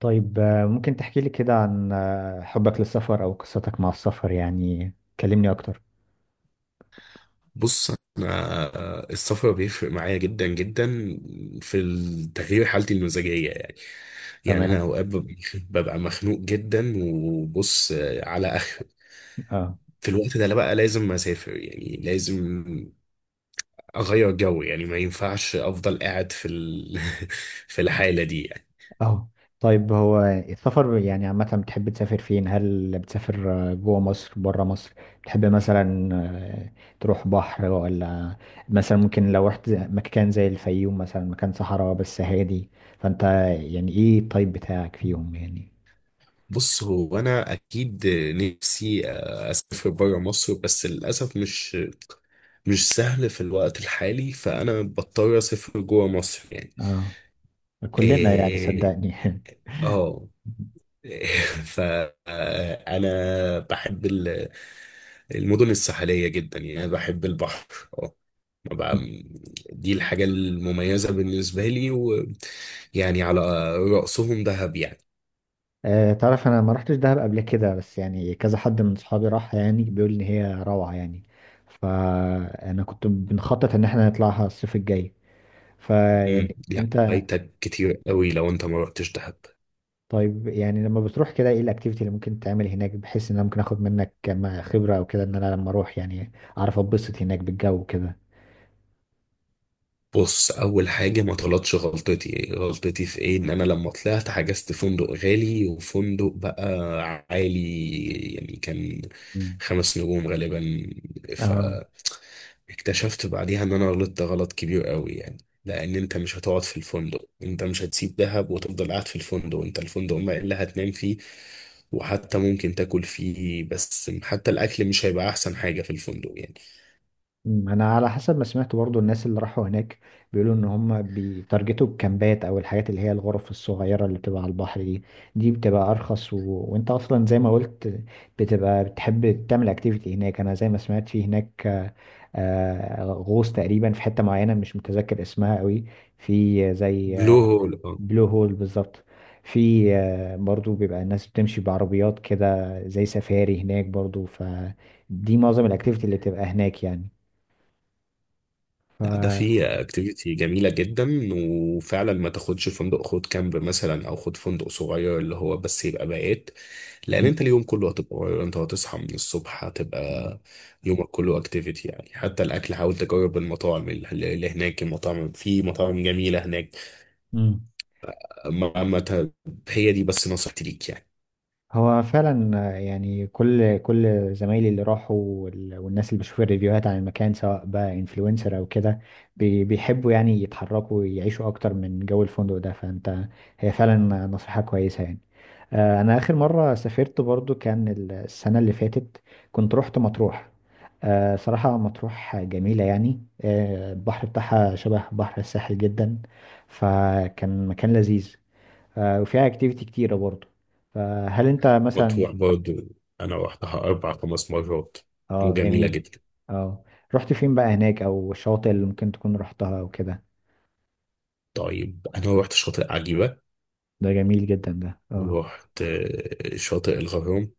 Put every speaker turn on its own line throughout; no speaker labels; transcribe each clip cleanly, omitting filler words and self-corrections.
طيب، ممكن تحكي لي كده عن حبك للسفر أو قصتك مع السفر يعني. كلمني أكتر.
بص، انا السفر بيفرق معايا جدا جدا في تغيير حالتي المزاجيه يعني. يعني انا
تمام.
اوقات ببقى مخنوق جدا، وبص على اخر
اه.
في الوقت ده، لا بقى لازم اسافر، يعني لازم اغير جو. يعني ما ينفعش افضل قاعد في في الحاله دي يعني.
اه. طيب، هو السفر يعني عامة بتحب تسافر فين؟ هل بتسافر جوه مصر بره مصر؟ بتحب مثلا تروح بحر، ولا مثلا ممكن لو رحت مكان زي الفيوم مثلا مكان صحراء بس هادي؟ فأنت يعني إيه الطيب بتاعك فيهم يعني؟
بص، هو انا اكيد نفسي اسافر بره مصر، بس للاسف مش سهل في الوقت الحالي، فانا بضطر اسافر جوه مصر يعني.
اه، كلنا يعني
إيه،
صدقني.
اه. فانا بحب المدن الساحليه جدا، يعني بحب البحر. اه. ما بقى- دي الحاجه المميزه بالنسبه لي، ويعني على رأسهم دهب يعني.
تعرف انا ما رحتش دهب قبل كده، بس يعني كذا حد من صحابي راح يعني بيقول ان هي روعة يعني. فانا كنت بنخطط ان احنا نطلعها الصيف الجاي، فيعني
لا،
انت...
فايتك كتير قوي لو انت ما رحتش دهب.
طيب يعني لما بتروح كده ايه الاكتيفيتي اللي ممكن تعمل هناك بحيث ان انا ممكن اخد منك كم خبرة او كده، ان انا لما اروح يعني اعرف اتبسط هناك بالجو كده.
بص، اول حاجه ما تغلطش غلطتي. غلطتي في ايه؟ ان انا لما طلعت حجزت فندق غالي، وفندق بقى عالي يعني، كان
مم.
خمس نجوم غالبا.
اه.
فاكتشفت بعديها ان انا غلطت غلط كبير قوي يعني، لان انت مش هتقعد في الفندق. انت مش هتسيب دهب وتفضل قاعد في الفندق. انت الفندق ما اللي هتنام فيه، وحتى ممكن تاكل فيه، بس حتى الاكل مش هيبقى احسن حاجه في الفندق يعني.
مم، انا على حسب ما سمعت برضو الناس اللي راحوا هناك بيقولوا ان هم بيتارجتوا الكامبات او الحاجات اللي هي الغرف الصغيره اللي بتبقى على البحر دي. دي بتبقى ارخص و... وانت اصلا زي ما قلت بتبقى بتحب تعمل اكتيفيتي هناك. انا زي ما سمعت في هناك غوص تقريبا في حته معينه مش متذكر اسمها قوي، في زي...
بلو هول.
بلو هول بالظبط. في برضو بيبقى الناس بتمشي بعربيات كده زي سفاري هناك برضو، فدي معظم الاكتيفيتي اللي بتبقى هناك
لا، ده
يعني.
في اكتيفيتي جميلة جدا. وفعلا ما تاخدش فندق، خد كامب مثلا او خد فندق صغير، اللي هو بس يبقى بقيت. لان
مم.
انت اليوم كله هتبقى غير، انت هتصحى من الصبح،
مم.
هتبقى يومك كله اكتيفيتي يعني. حتى الاكل حاول تجرب المطاعم اللي هناك، المطاعم، في مطاعم جميلة هناك.
مم.
ما ما ت- هي دي بس نصيحتي ليك يعني.
هو فعلا يعني كل زمايلي اللي راحوا والناس اللي بشوف الريفيوهات عن المكان سواء بقى انفلونسر او كده، بيحبوا يعني يتحركوا ويعيشوا اكتر من جو الفندق ده، فانت... هي فعلا نصيحة كويسة يعني. انا اخر مرة سافرت برضو كان السنة اللي فاتت، كنت رحت مطروح. صراحة مطروح جميلة يعني، البحر بتاعها شبه بحر الساحل جدا، فكان مكان لذيذ. وفيها اكتيفيتي كتيرة برضه، فهل انت مثلا...
مطروح برضو، انا روحتها اربع خمس مرات،
اه
وجميلة
جميل.
جدا.
اه، رحت فين بقى هناك او الشواطئ اللي ممكن تكون رحتها او كده؟
طيب، انا روحت شاطئ عجيبة،
ده جميل جدا ده، اه.
رحت شاطئ الغرام،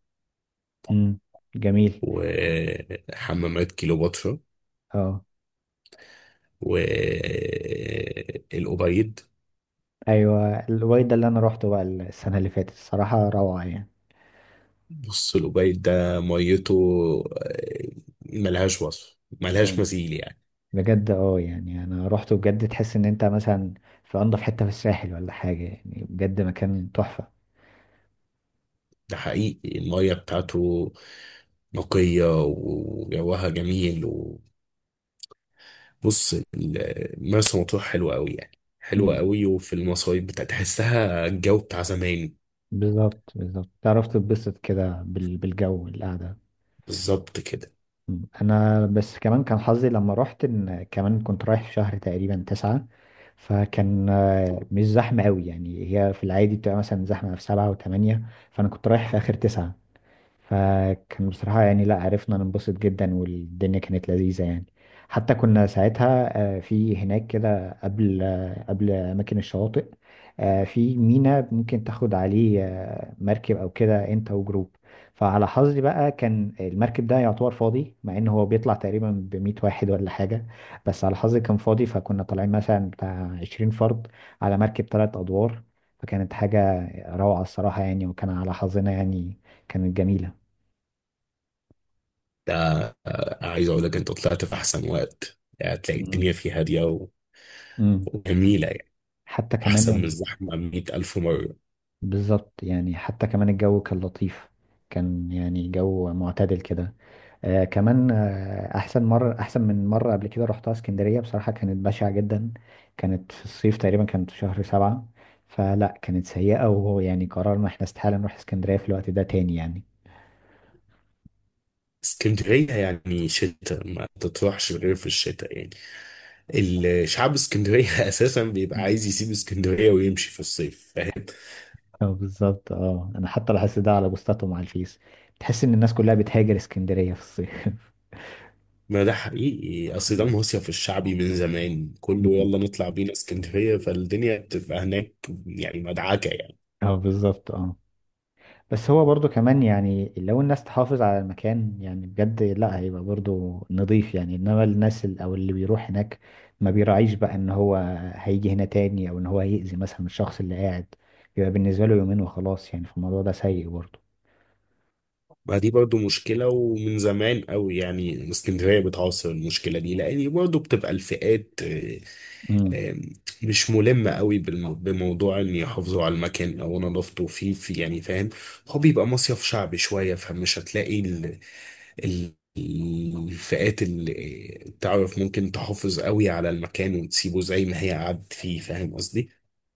امم، جميل.
وحمامات كيلوباترا،
اه،
والأوبايد.
ايوه الوايد ده اللي انا روحته بقى السنة اللي فاتت، الصراحة روعة يعني.
بص الأوبايد ده ميته، آه، ملهاش وصف، ملهاش
اه،
مثيل يعني.
بجد، اه يعني انا روحته بجد، تحس ان انت مثلا في انضف حتة في الساحل ولا حاجة، يعني بجد مكان تحفة.
ده حقيقي، المية بتاعته نقية، وجوها جميل. وبص، مرسى مطروح حلوة أوي يعني، حلوة
امم،
أوي، وفي المصايف بتاع تحسها الجو بتاع زمان.
بالظبط بالظبط، تعرف تتبسط كده بالجو القعدة.
بالظبط كده.
انا بس كمان كان حظي لما رحت ان كمان كنت رايح في شهر تقريبا تسعة، فكان مش زحمة قوي، يعني هي في العادي بتبقى مثلا زحمة في سبعة وثمانية، فانا كنت رايح في اخر تسعة، فكان بصراحة يعني لا عرفنا ننبسط جدا والدنيا كانت لذيذة يعني. حتى كنا ساعتها في هناك كده قبل قبل أماكن الشواطئ، في ميناء ممكن تاخد عليه مركب أو كده أنت وجروب. فعلى حظي بقى كان المركب ده يعتبر فاضي مع إن هو بيطلع تقريبا بمية واحد ولا حاجة، بس على حظي كان فاضي، فكنا طالعين مثلا بتاع عشرين فرد على مركب تلات أدوار، فكانت حاجة روعة الصراحة يعني، وكان على حظنا يعني، كانت جميلة.
ده عايز أقول لك، أنت طلعت في أحسن وقت يعني، هتلاقي
مم.
الدنيا فيه هادية
مم.
وجميلة يعني.
حتى
أحسن من
كمان...
الزحمة مية ألف مرة.
بالظبط، يعني حتى كمان الجو كان لطيف، كان يعني جو معتدل كده. آه كمان، آه احسن مرة، احسن من مرة قبل كده رحتها اسكندرية، بصراحة كانت بشعة جدا، كانت في الصيف تقريبا كانت في شهر سبعة، فلا كانت سيئة، وهو يعني قررنا احنا استحالة نروح اسكندرية في الوقت ده تاني يعني.
اسكندرية يعني شتاء، ما تطرحش غير في الشتاء يعني. الشعب اسكندرية أساسا بيبقى
مم.
عايز يسيب اسكندرية ويمشي في الصيف، فاهم؟
اه بالظبط، اه انا حتى لاحظت ده على بوستاتهم على الفيس، تحس ان الناس كلها بتهاجر اسكندرية في الصيف.
ما ده حقيقي، أصل ده
مم.
مصيف الشعبي من زمان، كله
مم.
يلا نطلع بينا اسكندرية، فالدنيا بتبقى هناك يعني، مدعكة يعني.
اه بالظبط، اه. بس هو برضو كمان يعني لو الناس تحافظ على المكان يعني بجد، لا هيبقى برضو نظيف يعني، انما الناس او اللي بيروح هناك ما بيراعيش بقى ان هو هيجي هنا تاني او ان هو هيأذي مثلا الشخص اللي قاعد، بيبقى بالنسبة له يومين وخلاص يعني، فالموضوع ده سيء برضو.
ما دي برضو مشكلة ومن زمان قوي يعني، اسكندرية بتعاصر المشكلة دي، لأن برضو بتبقى الفئات آه، مش ملمة قوي بموضوع إن يحافظوا على المكان أو نظافته، فيه في يعني، فاهم؟ هو بيبقى مصيف شعبي شوية، فمش هتلاقي ال الفئات اللي تعرف ممكن تحافظ قوي على المكان وتسيبه زي ما هي قعدت فيه. فاهم قصدي؟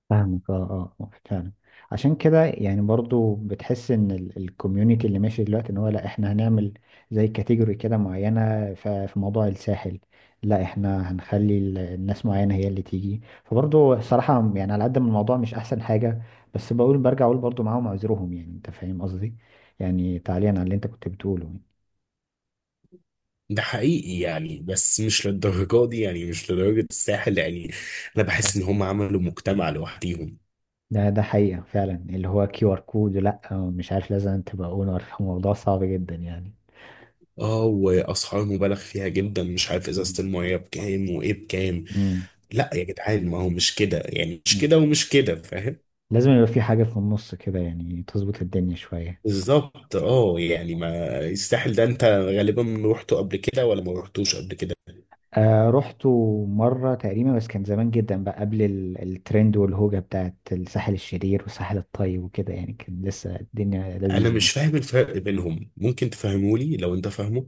فاهمك، اه اه فعلا. عشان كده يعني برضو بتحس ان الكوميونتي اللي ماشي دلوقتي ان هو لا احنا هنعمل زي كاتيجوري كده معينة في موضوع الساحل، لا احنا هنخلي الناس معينة هي اللي تيجي، فبرضو صراحة يعني على قد ما الموضوع مش احسن حاجة، بس بقول برجع اقول برضو معاهم عذرهم يعني انت فاهم قصدي، يعني تعليقا على اللي انت كنت بتقوله يعني.
ده حقيقي يعني، بس مش للدرجة دي يعني، مش لدرجة الساحل يعني. أنا بحس إن هم عملوا مجتمع لوحديهم.
ده حقيقة فعلا اللي هو كيو ار كود، لا مش عارف لازم تبقى اونر، موضوع صعب جدا يعني.
اه، وأسعار مبالغ فيها جدا، مش عارف
مم.
إزازة المية بكام وإيه بكام. لا يا جدعان، ما هو مش كده يعني، مش
مم.
كده ومش كده، فاهم؟
لازم يبقى في حاجة في النص كده يعني تظبط الدنيا شوية.
بالظبط اه، يعني ما الساحل ده أنت غالبا روحته قبل كده ولا ما روحتوش قبل كده؟
آه رحت مرة تقريبا، بس كان زمان جدا بقى قبل الترند والهوجة بتاعت الساحل الشرير والساحل الطيب وكده، يعني كان لسه الدنيا
أنا
لذيذة يعني.
مش فاهم الفرق بينهم، ممكن تفهمولي لو أنت فاهمه؟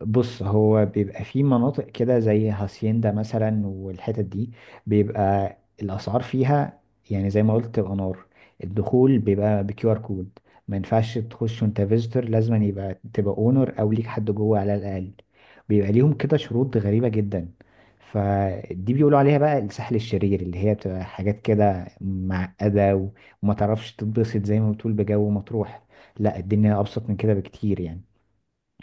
بص هو بيبقى في مناطق كده زي هاسيندا مثلا والحتت دي، بيبقى الأسعار فيها يعني زي ما قلت تبقى نار. الدخول بيبقى بكيو ار كود، ما ينفعش تخش وانت فيزيتور، لازم يبقى تبقى اونر او ليك حد جوه على الأقل، بيبقى ليهم كده شروط غريبة جدا. فدي بيقولوا عليها بقى الساحل الشرير، اللي هي بتبقى حاجات كده معقدة وما تعرفش تتبسط زي ما بتقول بجو مطروح، لا الدنيا أبسط من كده بكتير يعني،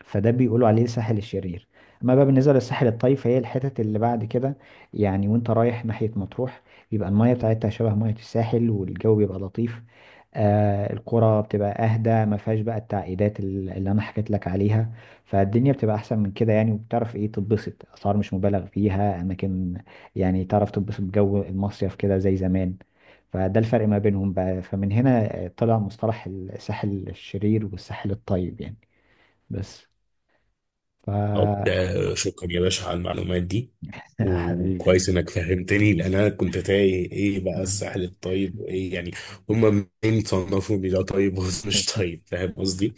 فده بيقولوا عليه الساحل الشرير. اما بقى بالنسبه للساحل الطيب فهي الحتت اللي بعد كده، يعني وانت رايح ناحيه مطروح بيبقى المايه بتاعتها شبه ميه الساحل والجو بيبقى لطيف. آه القرى بتبقى اهدى، ما فيهاش بقى التعقيدات اللي انا حكيت لك عليها، فالدنيا بتبقى احسن من كده يعني، وبتعرف ايه تتبسط، اسعار مش مبالغ فيها، اماكن يعني تعرف تتبسط بجو المصيف كده زي زمان. فده الفرق ما بينهم بقى، فمن هنا طلع مصطلح الساحل الشرير والساحل الطيب يعني، بس. ف
وبتاع، شكرا يا باشا على المعلومات دي.
يا حبيبي.
وكويس انك فهمتني، لان انا كنت تايه ايه بقى الساحل الطيب وايه يعني، هما منين صنفوا ان ده طيب وده مش طيب؟ فاهم قصدي؟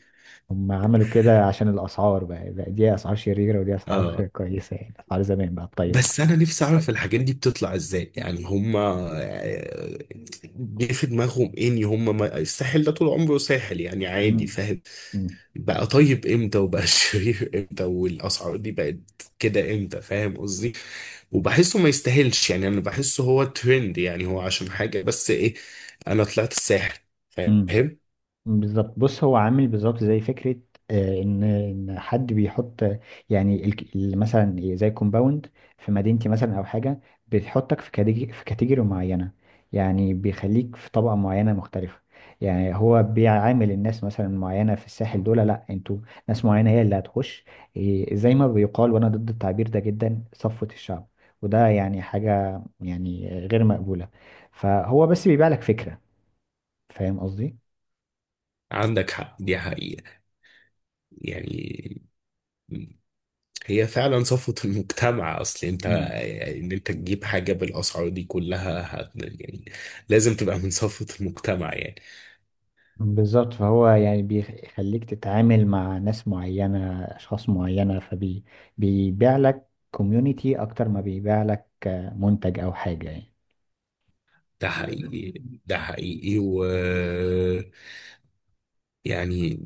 هم عملوا كده عشان الأسعار بقى دي أسعار شريرة ودي أسعار
اه.
كويسة، يعني أسعار زمان بقى الطيبة.
بس انا نفسي اعرف الحاجات دي بتطلع ازاي يعني، هما آه، جه في دماغهم ايه؟ ان هما ما... الساحل ده طول عمره ساحل يعني، عادي،
مم.
فاهم؟
مم.
بقى طيب امتى، وبقى شرير امتى، والاسعار دي بقت كده امتى؟ فاهم قصدي؟ وبحسه ما يستاهلش يعني، انا بحسه هو ترند يعني، هو عشان حاجة بس، ايه؟ انا طلعت الساحل،
مم.
فاهم؟
بالظبط، بص هو عامل بالظبط زي فكرة إن حد بيحط يعني مثلا زي كومباوند في مدينتي مثلا أو حاجة، بتحطك في كاتيجوري معينة، يعني بيخليك في طبقة معينة مختلفة، يعني هو بيعامل الناس مثلا معينة في الساحل دول، لأ أنتوا ناس معينة هي اللي هتخش، إيه، زي ما بيقال وأنا ضد التعبير ده جدا، صفوة الشعب، وده يعني حاجة يعني غير مقبولة، فهو بس بيبيع لك فكرة، فاهم قصدي؟
عندك حق، دي حقيقة يعني، هي فعلا صفوة المجتمع. اصل انت ان انت تجيب حاجة بالاسعار دي كلها يعني لازم تبقى من صفوة المجتمع يعني.
بالظبط، فهو يعني بيخليك تتعامل مع ناس معينة أشخاص معينة، فبيبيع لك كوميونيتي أكتر ما بيبيع لك منتج أو حاجة يعني.
ده حقيقي، ده حقيقي و يعني،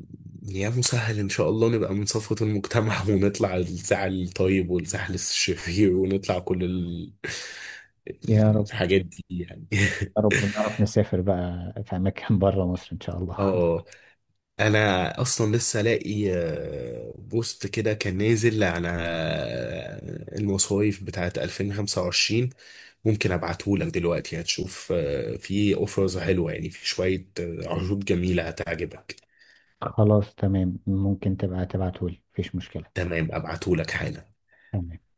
يا مسهل ان شاء الله نبقى من صفوة المجتمع ونطلع الساعة الطيب والساعة الشرير، ونطلع كل
يا رب.
الحاجات دي يعني.
يا رب، ونعرف نسافر بقى في أماكن بره مصر إن شاء الله.
اه، انا اصلا لسه لاقي بوست كده كان نازل على المصايف بتاعت 2025، ممكن ابعته لك دلوقتي، هتشوف في اوفرز حلوة يعني، في شوية عروض جميلة هتعجبك.
خلاص تمام، ممكن تبقى تبعتهولي مفيش مشكلة.
تمام، ابعته لك حالا.
تمام.